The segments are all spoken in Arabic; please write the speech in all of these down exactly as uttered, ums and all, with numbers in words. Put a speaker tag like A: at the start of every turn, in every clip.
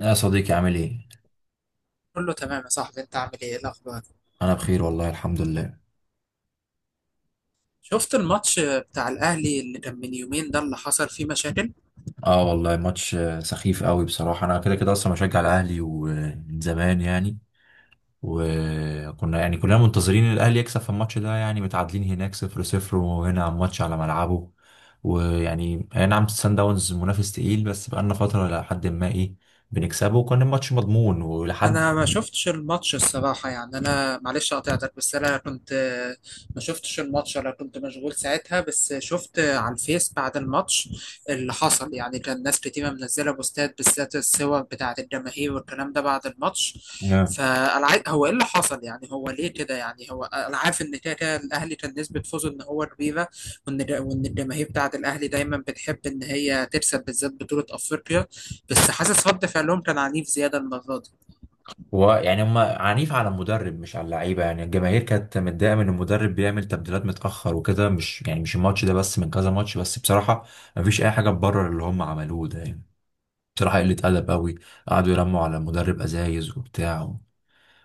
A: يا صديقي، عامل ايه؟
B: كله تمام يا صاحبي، انت عامل ايه؟ ايه الاخبار؟
A: انا بخير والله، الحمد لله.
B: شفت الماتش بتاع الاهلي اللي كان من يومين ده اللي حصل فيه مشاكل؟
A: اه والله ماتش آه، سخيف قوي بصراحة. انا كده كده اصلا بشجع الاهلي ومن زمان يعني. وكنا يعني كلنا منتظرين الاهلي يكسب في الماتش ده، يعني متعادلين هناك صفر صفر، وهنا على الماتش على ملعبه. ويعني اي نعم، سان داونز منافس تقيل، بس بقالنا فترة لحد ما ايه بنكسبه، وكان الماتش مضمون ولحد.
B: انا ما شفتش الماتش الصراحه، يعني انا معلش قطعتك بس انا كنت ما شفتش الماتش، انا كنت مشغول ساعتها. بس شفت على الفيس بعد الماتش اللي حصل، يعني كان ناس كتير منزله بوستات بالذات الصور بتاعه الجماهير والكلام ده بعد الماتش. فانا عاي- هو ايه اللي حصل يعني؟ هو ليه كده يعني؟ هو انا عارف ان كده كده الاهلي كان نسبه فوزه ان هو كبيره، وان وان الجماهير بتاعه الاهلي دايما بتحب ان هي تكسب بالذات بطوله افريقيا، بس حاسس رد فعلهم كان عنيف زياده المره دي.
A: ويعني هم عنيف على المدرب مش على اللعيبه، يعني الجماهير كانت متضايقه من المدرب بيعمل تبديلات متاخر وكده، مش يعني مش الماتش ده بس، من كذا ماتش، بس بصراحه مفيش اي حاجه تبرر اللي هم عملوه ده يعني. بصراحه قله ادب قوي. قعدوا يرموا على المدرب ازايز وبتاع.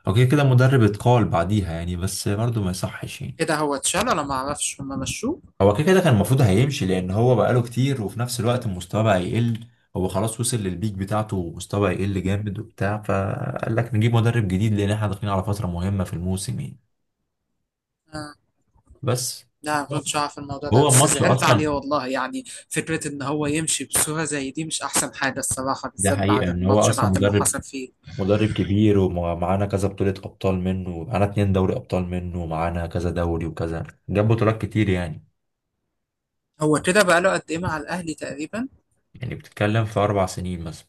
A: اوكي كده المدرب اتقال بعديها يعني، بس برضه ما يصحش يعني.
B: ايه ده؟ هو اتشال ولا ما اعرفش هم مشوه؟
A: هو كده كده كان المفروض هيمشي لان هو بقاله كتير، وفي نفس الوقت المستوى بقى يقل. هو خلاص وصل للبيك بتاعته ومستوى يقل جامد وبتاع، فقال لك نجيب مدرب جديد لان احنا داخلين على فتره مهمه في الموسم يعني.
B: آه.
A: بس
B: لا، ما
A: هو
B: كنتش اعرف الموضوع ده.
A: هو
B: بس
A: الماتش
B: زعلت عليه
A: اصلا.
B: والله يعني. فكرة ان هو يمشي بصورة زي دي مش احسن حاجة الصراحة،
A: ده
B: بالذات بعد
A: حقيقه ان هو
B: الماتش
A: اصلا
B: بعد اللي
A: مدرب
B: حصل فيه.
A: مدرب كبير، ومعانا كذا بطوله ابطال منه، معانا اتنين دوري ابطال منه، ومعانا كذا دوري، وكذا جاب بطولات كتير يعني.
B: هو كده بقاله قد ايه مع الاهلي تقريبا؟
A: يعني بتتكلم في اربع سنين مثلا،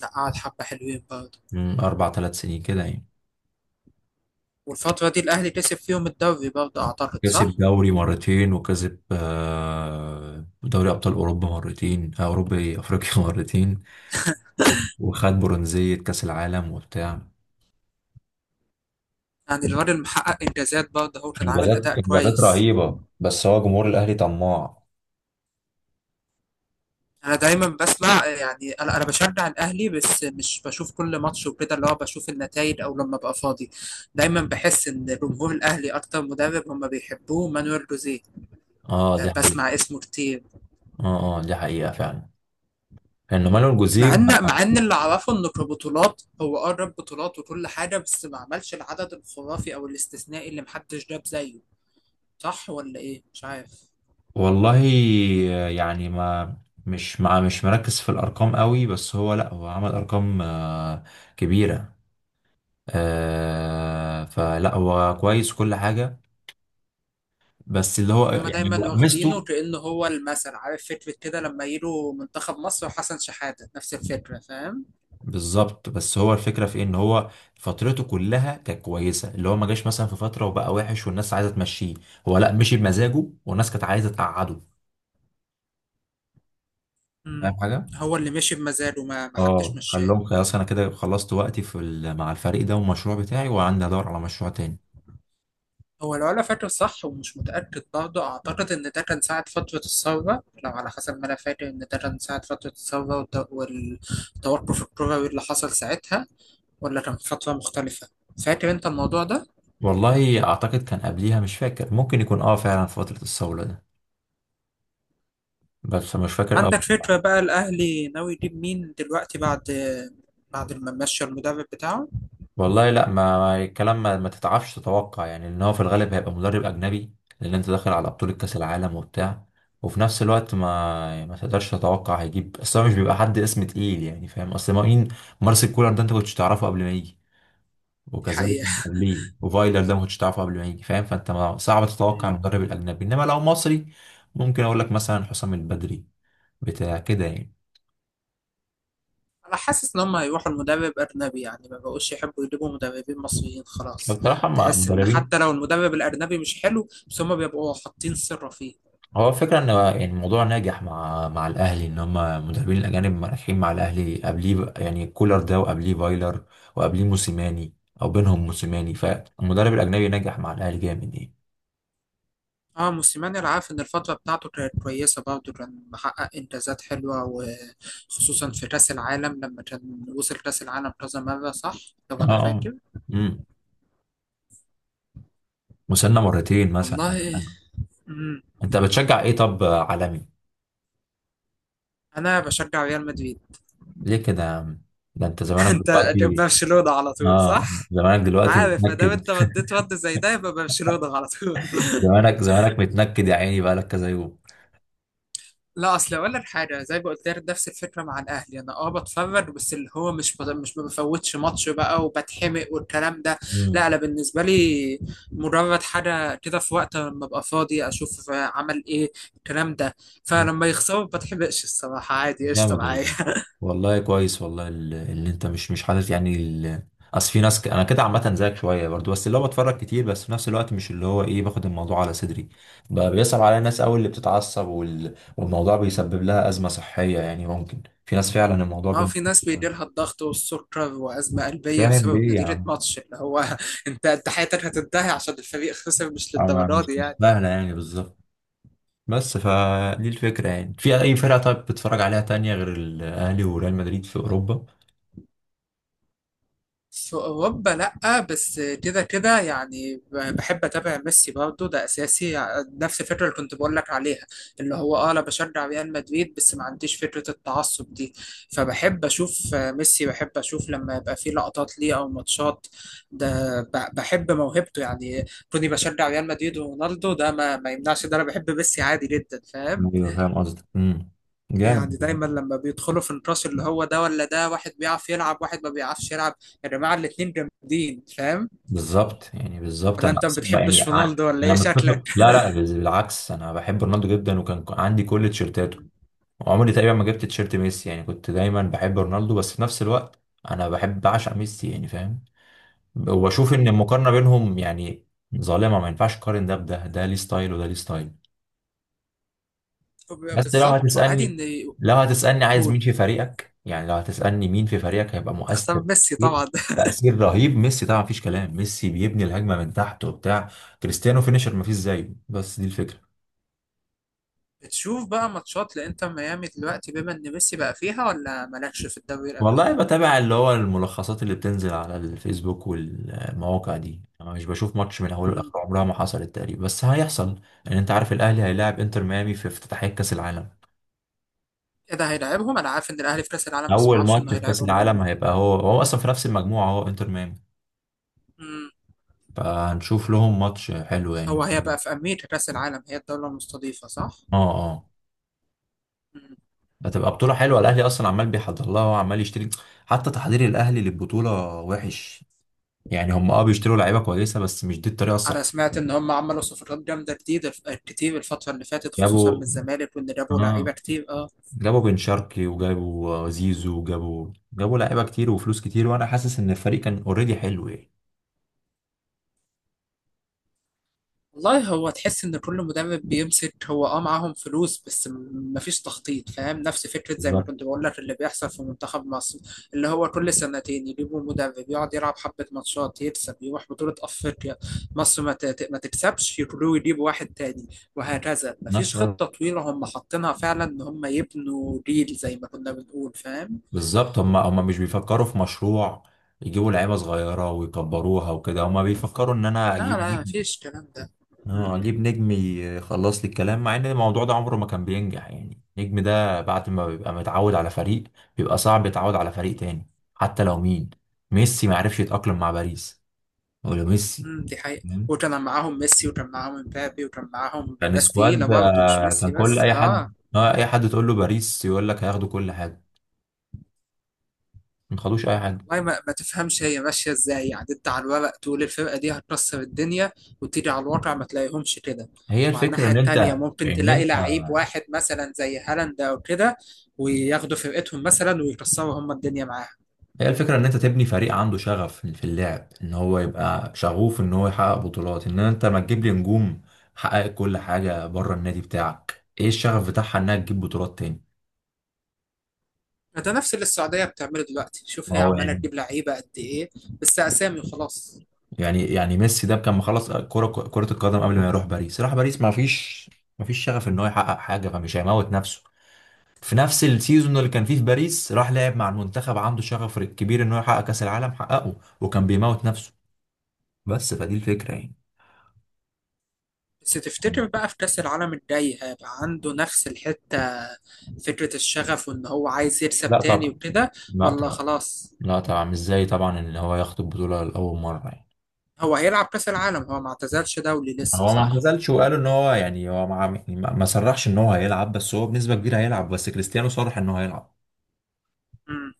B: لا، قعد حبة حلوين برضه.
A: من اربع ثلاث سنين كده يعني.
B: والفترة دي الاهلي كسب فيهم الدوري برضه اعتقد،
A: كسب
B: صح؟
A: دوري مرتين، وكسب آه، دوري ابطال اوروبا مرتين، آه، اوروبا ايه افريقيا مرتين. و- وخد برونزيه كاس العالم وبتاع.
B: يعني الراجل محقق انجازات برضه، هو كان عامل اداء
A: انجازات انجازات
B: كويس.
A: رهيبه، بس هو جمهور الاهلي طماع.
B: انا دايما بسمع، يعني انا انا بشجع الاهلي بس مش بشوف كل ماتش وكده، اللي هو بشوف النتائج او لما ابقى فاضي. دايما بحس ان جمهور الاهلي اكتر مدرب هم بيحبوه مانويل جوزيه.
A: اه، دي حقيقة.
B: بسمع اسمه كتير.
A: اه. اه، دي حقيقة فعلا. لأنه مانويل
B: مع
A: الجوزيب.
B: ان مع ان اللي اعرفه انه كبطولات هو قرب بطولات وكل حاجه، بس ما عملش العدد الخرافي او الاستثنائي اللي محدش جاب زيه. صح ولا ايه؟ مش عارف.
A: والله يعني ما، مش مع، مش مركز في الأرقام قوي، بس هو لأ، هو عمل أرقام آه، كبيرة. آه، فلأ هو كويس كل حاجة. بس اللي هو
B: هما
A: يعني هو
B: دايما واخدينه
A: ميزته.
B: كأنه هو المثل، عارف فكرة كده لما يجوا منتخب مصر وحسن شحاتة نفس الفكرة، فاهم؟
A: بالظبط، بس هو الفكرة في إيه، إن هو فترته كلها كانت كويسة، اللي هو ما جاش مثلا في فترة وبقى وحش والناس عايزة تمشيه. هو لأ، مشي بمزاجه والناس كانت عايزة تقعده. فاهم
B: مم.
A: حاجة؟
B: هو اللي ماشي بمزاجه، ما ما حدش
A: اه، قال
B: مشاه.
A: لهم خلاص انا كده خلصت وقتي في ال- مع الفريق ده والمشروع بتاعي، وعندي ادور على مشروع تاني.
B: هو لو انا فاكر صح ومش متاكد برضه، اعتقد ان ده كان ساعه فتره الثوره. لو على حسب ما انا فاكر ان ده كان ساعه فتره الثوره والت- والتوقف الكروي اللي حصل ساعتها، ولا كان فتره مختلفه؟ فاكر انت الموضوع ده؟
A: والله اعتقد كان قبليها، مش فاكر، ممكن يكون اه فعلا في فترة الصولة ده، بس مش فاكر قوي
B: عندك
A: بصراحة.
B: فكره بقى الاهلي ناوي يجيب مين دلوقتي بعد بعد ما مشى المدرب بتاعه؟
A: والله لا، ما ما- الكلام ما, ما تتعرفش تتوقع، يعني ان هو في الغالب هيبقى مدرب اجنبي، لان انت داخل على بطولة كاس العالم وبتاع، وفي نفس الوقت ما، يعني ما تقدرش تتوقع هيجيب، اصل هو مش بيبقى حد اسم تقيل يعني، فاهم؟ اصل مين؟ مارسيل كولر ده انت كنتش تعرفه قبل ما يجي،
B: دي
A: وكذلك
B: حقيقه.
A: من قبليه وفايلر ده ما كنتش تعرفه قبل ما يجي، فاهم؟ فانت ما- صعب تتوقع المدرب الاجنبي، انما لو مصري ممكن اقول لك مثلا حسام البدري بتاع كده يعني.
B: انا حاسس ان هم هيروحوا المدرب اجنبي يعني، ما بقوش يحبوا يجيبوا مدربين مصريين خلاص.
A: بصراحه مع
B: تحس ان
A: مدربين،
B: حتى لو المدرب الاجنبي مش حلو بس هم بيبقوا حاطين سر فيه.
A: هو فكرة ان يعني الموضوع ناجح مع مع الاهلي ان هم مدربين الاجانب رايحين مع الاهلي قبليه، يعني كولر ده، وقبليه فايلر، وقبليه موسيماني، او بينهم موسيماني، فالمدرب الاجنبي ناجح مع الاهلي جامد يعني.
B: اه، موسيماني انا عارف ان الفترة بتاعته كانت كويسة برضه، كان محقق انجازات حلوة وخصوصا في كأس العالم لما كان وصل كأس العالم كذا مرة، صح؟ لو انا
A: اه.
B: فاكر.
A: امم وصلنا مرتين مثلا ولا
B: والله.
A: حاجة.
B: مم.
A: انت بتشجع ايه طب عالمي؟
B: انا بشجع ريال مدريد.
A: ليه كده يا عم؟ ده انت زمانك
B: انت
A: دلوقتي.
B: برشلونة على طول،
A: اه،
B: صح؟
A: زمانك دلوقتي
B: عارف، ما دام
A: متنكد.
B: انت رديت رد زي ده يبقى برشلونة على طول.
A: زمانك زمانك متنكد يا عيني، بقالك كذا يوم.
B: لا اصل اقول لك حاجه زي ما قلت لك نفس الفكره مع الاهلي، انا اه بتفرج بس اللي هو مش بط... مش ما بفوتش ماتش بقى وبتحمق والكلام ده.
A: مم.
B: لا انا بالنسبه لي مجرد حاجه كده، في وقت لما ابقى فاضي اشوف عمل ايه الكلام ده.
A: مم.
B: فلما يخسروا ما بتحمقش الصراحه، عادي قشطه
A: جامد
B: معايا.
A: والله. والله كويس والله، ال- اللي انت مش مش حاطط يعني ال... اصل في ناس ك... انا كده عامه زيك شويه برضو، بس اللي هو بتفرج كتير، بس في نفس الوقت مش اللي هو ايه، باخد الموضوع على صدري. بقى بيصعب عليا الناس قوي اللي بتتعصب، وال... والموضوع بيسبب لها ازمه صحيه، يعني ممكن في ناس فعلا الموضوع
B: اه،
A: بن...
B: في ناس بيجي لها الضغط والسكر وازمه قلبيه
A: فاهم
B: بسبب
A: ليه يا
B: نتيجه
A: عم؟
B: ماتش اللي هو. انت انت حياتك هتنتهي عشان الفريق خسر؟ مش
A: أنا
B: للدرجه
A: مش
B: دي
A: مش
B: يعني.
A: سهله يعني بالظبط. بس فدي الفكرة يعني، في أي فرقة طيب بتتفرج عليها تانية غير الأهلي وريال مدريد في أوروبا؟
B: في أوروبا لأ، بس كده كده يعني بحب أتابع ميسي برضه، ده أساسي. نفس الفكرة اللي كنت بقول لك عليها، اللي هو أه أنا بشجع ريال مدريد بس ما عنديش فكرة التعصب دي. فبحب أشوف ميسي، بحب أشوف لما يبقى فيه لقطات ليه أو ماتشات، ده ب- بحب موهبته يعني. كوني بشجع ريال مدريد ورونالدو ده ما, ما يمنعش ده أنا بحب ميسي عادي جدا، فاهم؟
A: ايوه فاهم قصدك. امم جامد
B: يعني
A: والله.
B: دايما لما بيدخلوا في الراس اللي هو ده ولا ده، واحد بيعرف يلعب واحد ما بيعرفش يلعب. يا جماعة الاتنين جامدين، فاهم؟
A: بالظبط يعني بالظبط،
B: ولا
A: انا
B: انت ما
A: اصلا يعني
B: بتحبش
A: ع-
B: رونالدو ولا
A: انا
B: ايه شكلك؟
A: متفق، لا لا بز- بالعكس انا بحب رونالدو جدا، وكان ك- عندي كل تيشيرتاته،
B: مم.
A: وعمري تقريبا ما جبت تيشيرت ميسي، يعني كنت دايما بحب رونالدو، بس في نفس الوقت انا بحب بعشق ميسي، يعني فاهم. وبشوف ان المقارنة بينهم يعني ظالمة، ما ينفعش تقارن ده بده، ده ليه ستايل وده ليه ستايل.
B: وب-
A: بس لو
B: بالظبط، وعادي
A: هتسألني
B: ان
A: لو هتسألني عايز
B: يقول
A: مين في فريقك، يعني لو هتسألني مين في فريقك هيبقى مؤثر؟
B: تختار ميسي
A: تأثير
B: طبعا.
A: تأثير رهيب، ميسي طبعا، مفيش كلام. ميسي بيبني الهجمة من تحت وبتاع. كريستيانو فينيشر مفيش زيه، بس دي الفكرة.
B: بتشوف بقى ماتشات لانتر ميامي دلوقتي بما ان ميسي بقى فيها، ولا مالكش في الدوري الامريكي؟
A: والله بتابع اللي هو الملخصات اللي بتنزل على الفيسبوك والمواقع دي، انا مش بشوف ماتش من اوله
B: امم.
A: لاخره، عمرها ما حصلت تقريبا، بس هيحصل لان انت عارف الاهلي هيلاعب انتر ميامي في افتتاحية كاس العالم.
B: ايه ده، هيلاعبهم؟ انا عارف ان الاهلي في كاس العالم بس ما
A: اول
B: اعرفش انه
A: ماتش في كاس
B: هيلاعبهم هم.
A: العالم هيبقى هو هو اصلا في نفس المجموعة، هو انتر ميامي.
B: امم.
A: فهنشوف لهم ماتش حلو
B: هو
A: يعني.
B: هي بقى في امريكا كاس العالم، هي الدولة المستضيفة، صح؟
A: اه. اه.
B: مم.
A: هتبقى بطولة حلوة، الأهلي أصلا عمال بيحضر لها وعمال يشتري. حتى تحضير الأهلي للبطولة وحش، يعني هم اه بيشتروا لعيبة كويسة، بس مش دي الطريقة
B: انا
A: الصحيحة.
B: سمعت ان هم عملوا صفقات جامده جديده الف- كتير الفتره اللي فاتت، خصوصا من
A: جابوا
B: الزمالك، وان جابوا لعيبه
A: اه
B: كتير، اه.
A: جابوا بن شرقي، وجابوا آه، زيزو، وجابوا جابوا لعيبة كتير وفلوس كتير، وأنا حاسس إن الفريق كان أوريدي حلو يعني.
B: والله هو تحس ان كل مدرب بيمسك هو اه معاهم فلوس بس م- مفيش تخطيط، فاهم؟ نفس فكره زي ما
A: بالظبط.
B: كنت بقول لك اللي بيحصل في منتخب مصر، اللي هو كل سنتين يجيبوا مدرب يقعد يلعب حبه ماتشات، يكسب، يروح بطوله افريقيا، مصر ما ت- ما تكسبش يقولوا يجيبوا واحد تاني، وهكذا.
A: نفس
B: مفيش خطه طويله هم حاطينها فعلا ان هم يبنوا جيل زي ما كنا بنقول، فاهم؟
A: بالظبط، هم هم مش بيفكروا في مشروع. يجيبوا لعيبة صغيرة ويكبروها وكده، هم بيفكروا إن أنا
B: لا
A: أجيب
B: لا،
A: نجم.
B: مفيش الكلام ده.
A: اه،
B: مم.
A: اجيب نجم يخلص لي الكلام، مع ان الموضوع ده عمره ما كان بينجح، يعني النجم ده بعد ما بيبقى متعود على فريق، بيبقى صعب يتعود على فريق تاني حتى لو مين. ميسي ما عرفش يتأقلم مع باريس، ولا ميسي.
B: مم. دي حقيقة،
A: تمام؟
B: وكان معاهم ميسي وكان معاهم مبابي وكان معاهم
A: كان
B: ناس
A: سكواد.
B: تقيلة برضه مش
A: كان
B: ميسي
A: كل
B: بس،
A: اي
B: اه.
A: حد، اه، اي حد تقول له باريس يقول لك هياخدوا كل حاجه، ما خدوش اي حاجه.
B: والله ما, ما تفهمش هي ماشية ازاي. يعني انت على الورق تقول الفرقة دي هتكسر الدنيا، وتيجي على الواقع ما تلاقيهمش كده.
A: هي
B: وعلى
A: الفكره
B: الناحية
A: ان انت،
B: التانية ممكن
A: ان
B: تلاقي
A: انت
B: لعيب واحد مثلا زي هالاند أو كده، وياخدوا فرقتهم مثلا ويكسروا هم الدنيا معاها.
A: هي الفكرة إن أنت تبني فريق عنده شغف في اللعب، إن هو يبقى شغوف إن هو يحقق بطولات، إن أنت ما تجيب لي نجوم حققت كل حاجة بره النادي بتاعك. إيه الشغف بتاعها إنها تجيب بطولات تاني؟
B: فده نفس اللي السعودية بتعمله دلوقتي، شوف
A: ما
B: هي
A: هو
B: عمالة
A: يعني.
B: تجيب لعيبة قد إيه، بس أسامي وخلاص.
A: يعني يعني ميسي ده كان مخلص كرة كرة القدم قبل ما يروح باريس، راح باريس ما فيش، ما فيش شغف إن هو يحقق حاجة، فمش هيموت نفسه. في نفس السيزون اللي كان فيه في باريس، راح لعب مع المنتخب عنده شغف كبير إن هو يحقق كأس العالم، حققه وكان بيموت نفسه، بس فدي الفكرة يعني.
B: بس تفتكر بقى في كأس العالم الجاي هيبقى عنده نفس الحتة، فكرة الشغف وإن هو عايز يكسب
A: لا
B: تاني
A: طبعا.
B: وكده،
A: لا
B: ولا
A: طبعا.
B: خلاص؟
A: لا طبعا مش زي طبعا ان هو ياخد البطولة لأول مرة يعني.
B: هو هيلعب كأس العالم؟ هو ما اعتزلش دولي لسه،
A: هو ما
B: صح؟
A: اعتزلش، وقالوا ان هو يعني هو ما يعني ما ما صرحش ان هو هيلعب، بس هو بنسبة كبيرة هيلعب، بس كريستيانو صرح ان هو هيلعب.
B: مم.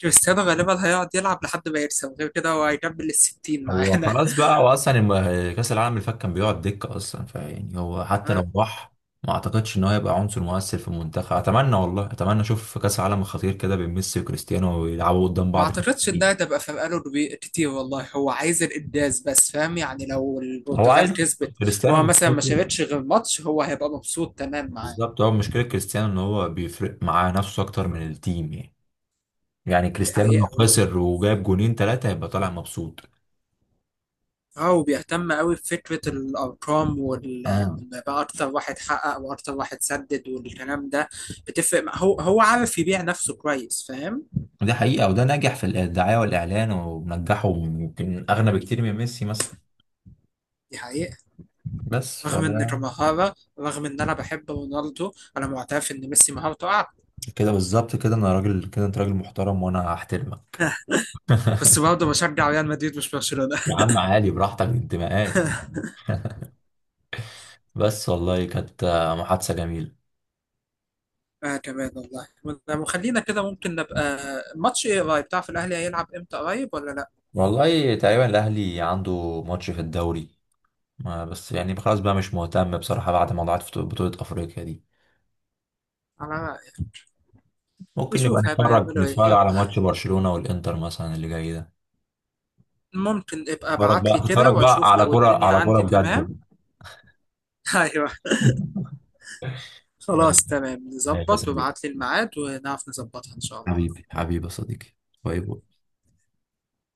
B: كريستيانو غالبا هيقعد يلعب لحد ما يكسب، غير كده هو هيكمل الستين
A: هو
B: معانا.
A: خلاص بقى، هو اصلا الم- كأس العالم اللي فات كان بيقعد دكة اصلا، فيعني هو حتى
B: آه.
A: لو راح ما اعتقدش ان هو هيبقى عنصر مؤثر في المنتخب. اتمنى والله اتمنى اشوف في كأس العالم الخطير كده بين ميسي وكريستيانو ويلعبوا قدام
B: ما
A: بعض في
B: اعتقدش
A: الفريق.
B: انها تبقى فرقاله كبي- كتير والله. هو عايز الانجاز بس، فاهم؟ يعني لو
A: هو
B: البرتغال
A: عايز،
B: كسبت
A: كريستيانو
B: وهو مثلا ما
A: مشكلته،
B: شاركش غير ماتش هو هيبقى مبسوط تمام معاه.
A: بالظبط، هو مشكلة كريستيانو ان هو بيفرق معاه نفسه اكتر من التيم يعني. يعني
B: دي
A: كريستيانو لو
B: حقيقة.
A: خسر وجاب جونين ثلاثة هيبقى طالع مبسوط.
B: اه، وبيهتم قوي بفكرة الأرقام وال...
A: اه،
B: وإن بقى أكتر واحد حقق وأكتر واحد سدد والكلام ده. بتفرق مع- هو هو عارف يبيع نفسه كويس، فاهم؟
A: دي حقيقة. وده ناجح في الدعاية والإعلان ومنجحه، يمكن أغنى بكتير من ميسي مثلا.
B: دي حقيقة.
A: بس ف،
B: رغم إن كمهارة، رغم إن أنا بحب رونالدو، أنا معترف إن ميسي مهارته أعلى.
A: كده بالظبط، كده أنا راجل، كده أنت راجل محترم وأنا هحترمك.
B: بس برضه بشجع ريال مدريد مش برشلونة.
A: يا عم عالي براحتك انتماءات. بس والله كانت محادثة جميلة.
B: آه كمان والله. طب وخلينا كده، ممكن نبقى ماتش إيه قريب؟ تعرف الأهلي هيلعب إمتى؟ قريب ولا لأ؟
A: والله تقريبا الأهلي عنده ماتش في الدوري، ما- بس يعني خلاص بقى مش مهتم بصراحة بعد موضوعات بطولة أفريقيا دي.
B: على رأيك.
A: ممكن نبقى
B: نشوف هيبقى
A: نتفرج،
B: يعملوا إيه.
A: نتفرج على
B: يلا،
A: ماتش برشلونة والإنتر مثلا اللي جاي ده.
B: ممكن ابقى
A: نتفرج
B: ابعت
A: بقى
B: لي كده
A: نتفرج بقى
B: وأشوف
A: على
B: لو
A: كرة
B: الدنيا
A: على كرة
B: عندي تمام.
A: بجد.
B: ايوه، خلاص
A: ماشي.
B: تمام،
A: ماشي يا
B: نظبط
A: صديقي.
B: وابعت لي الميعاد ونعرف نظبطها ان شاء الله.
A: حبيبي حبيبي يا صديقي. باي باي.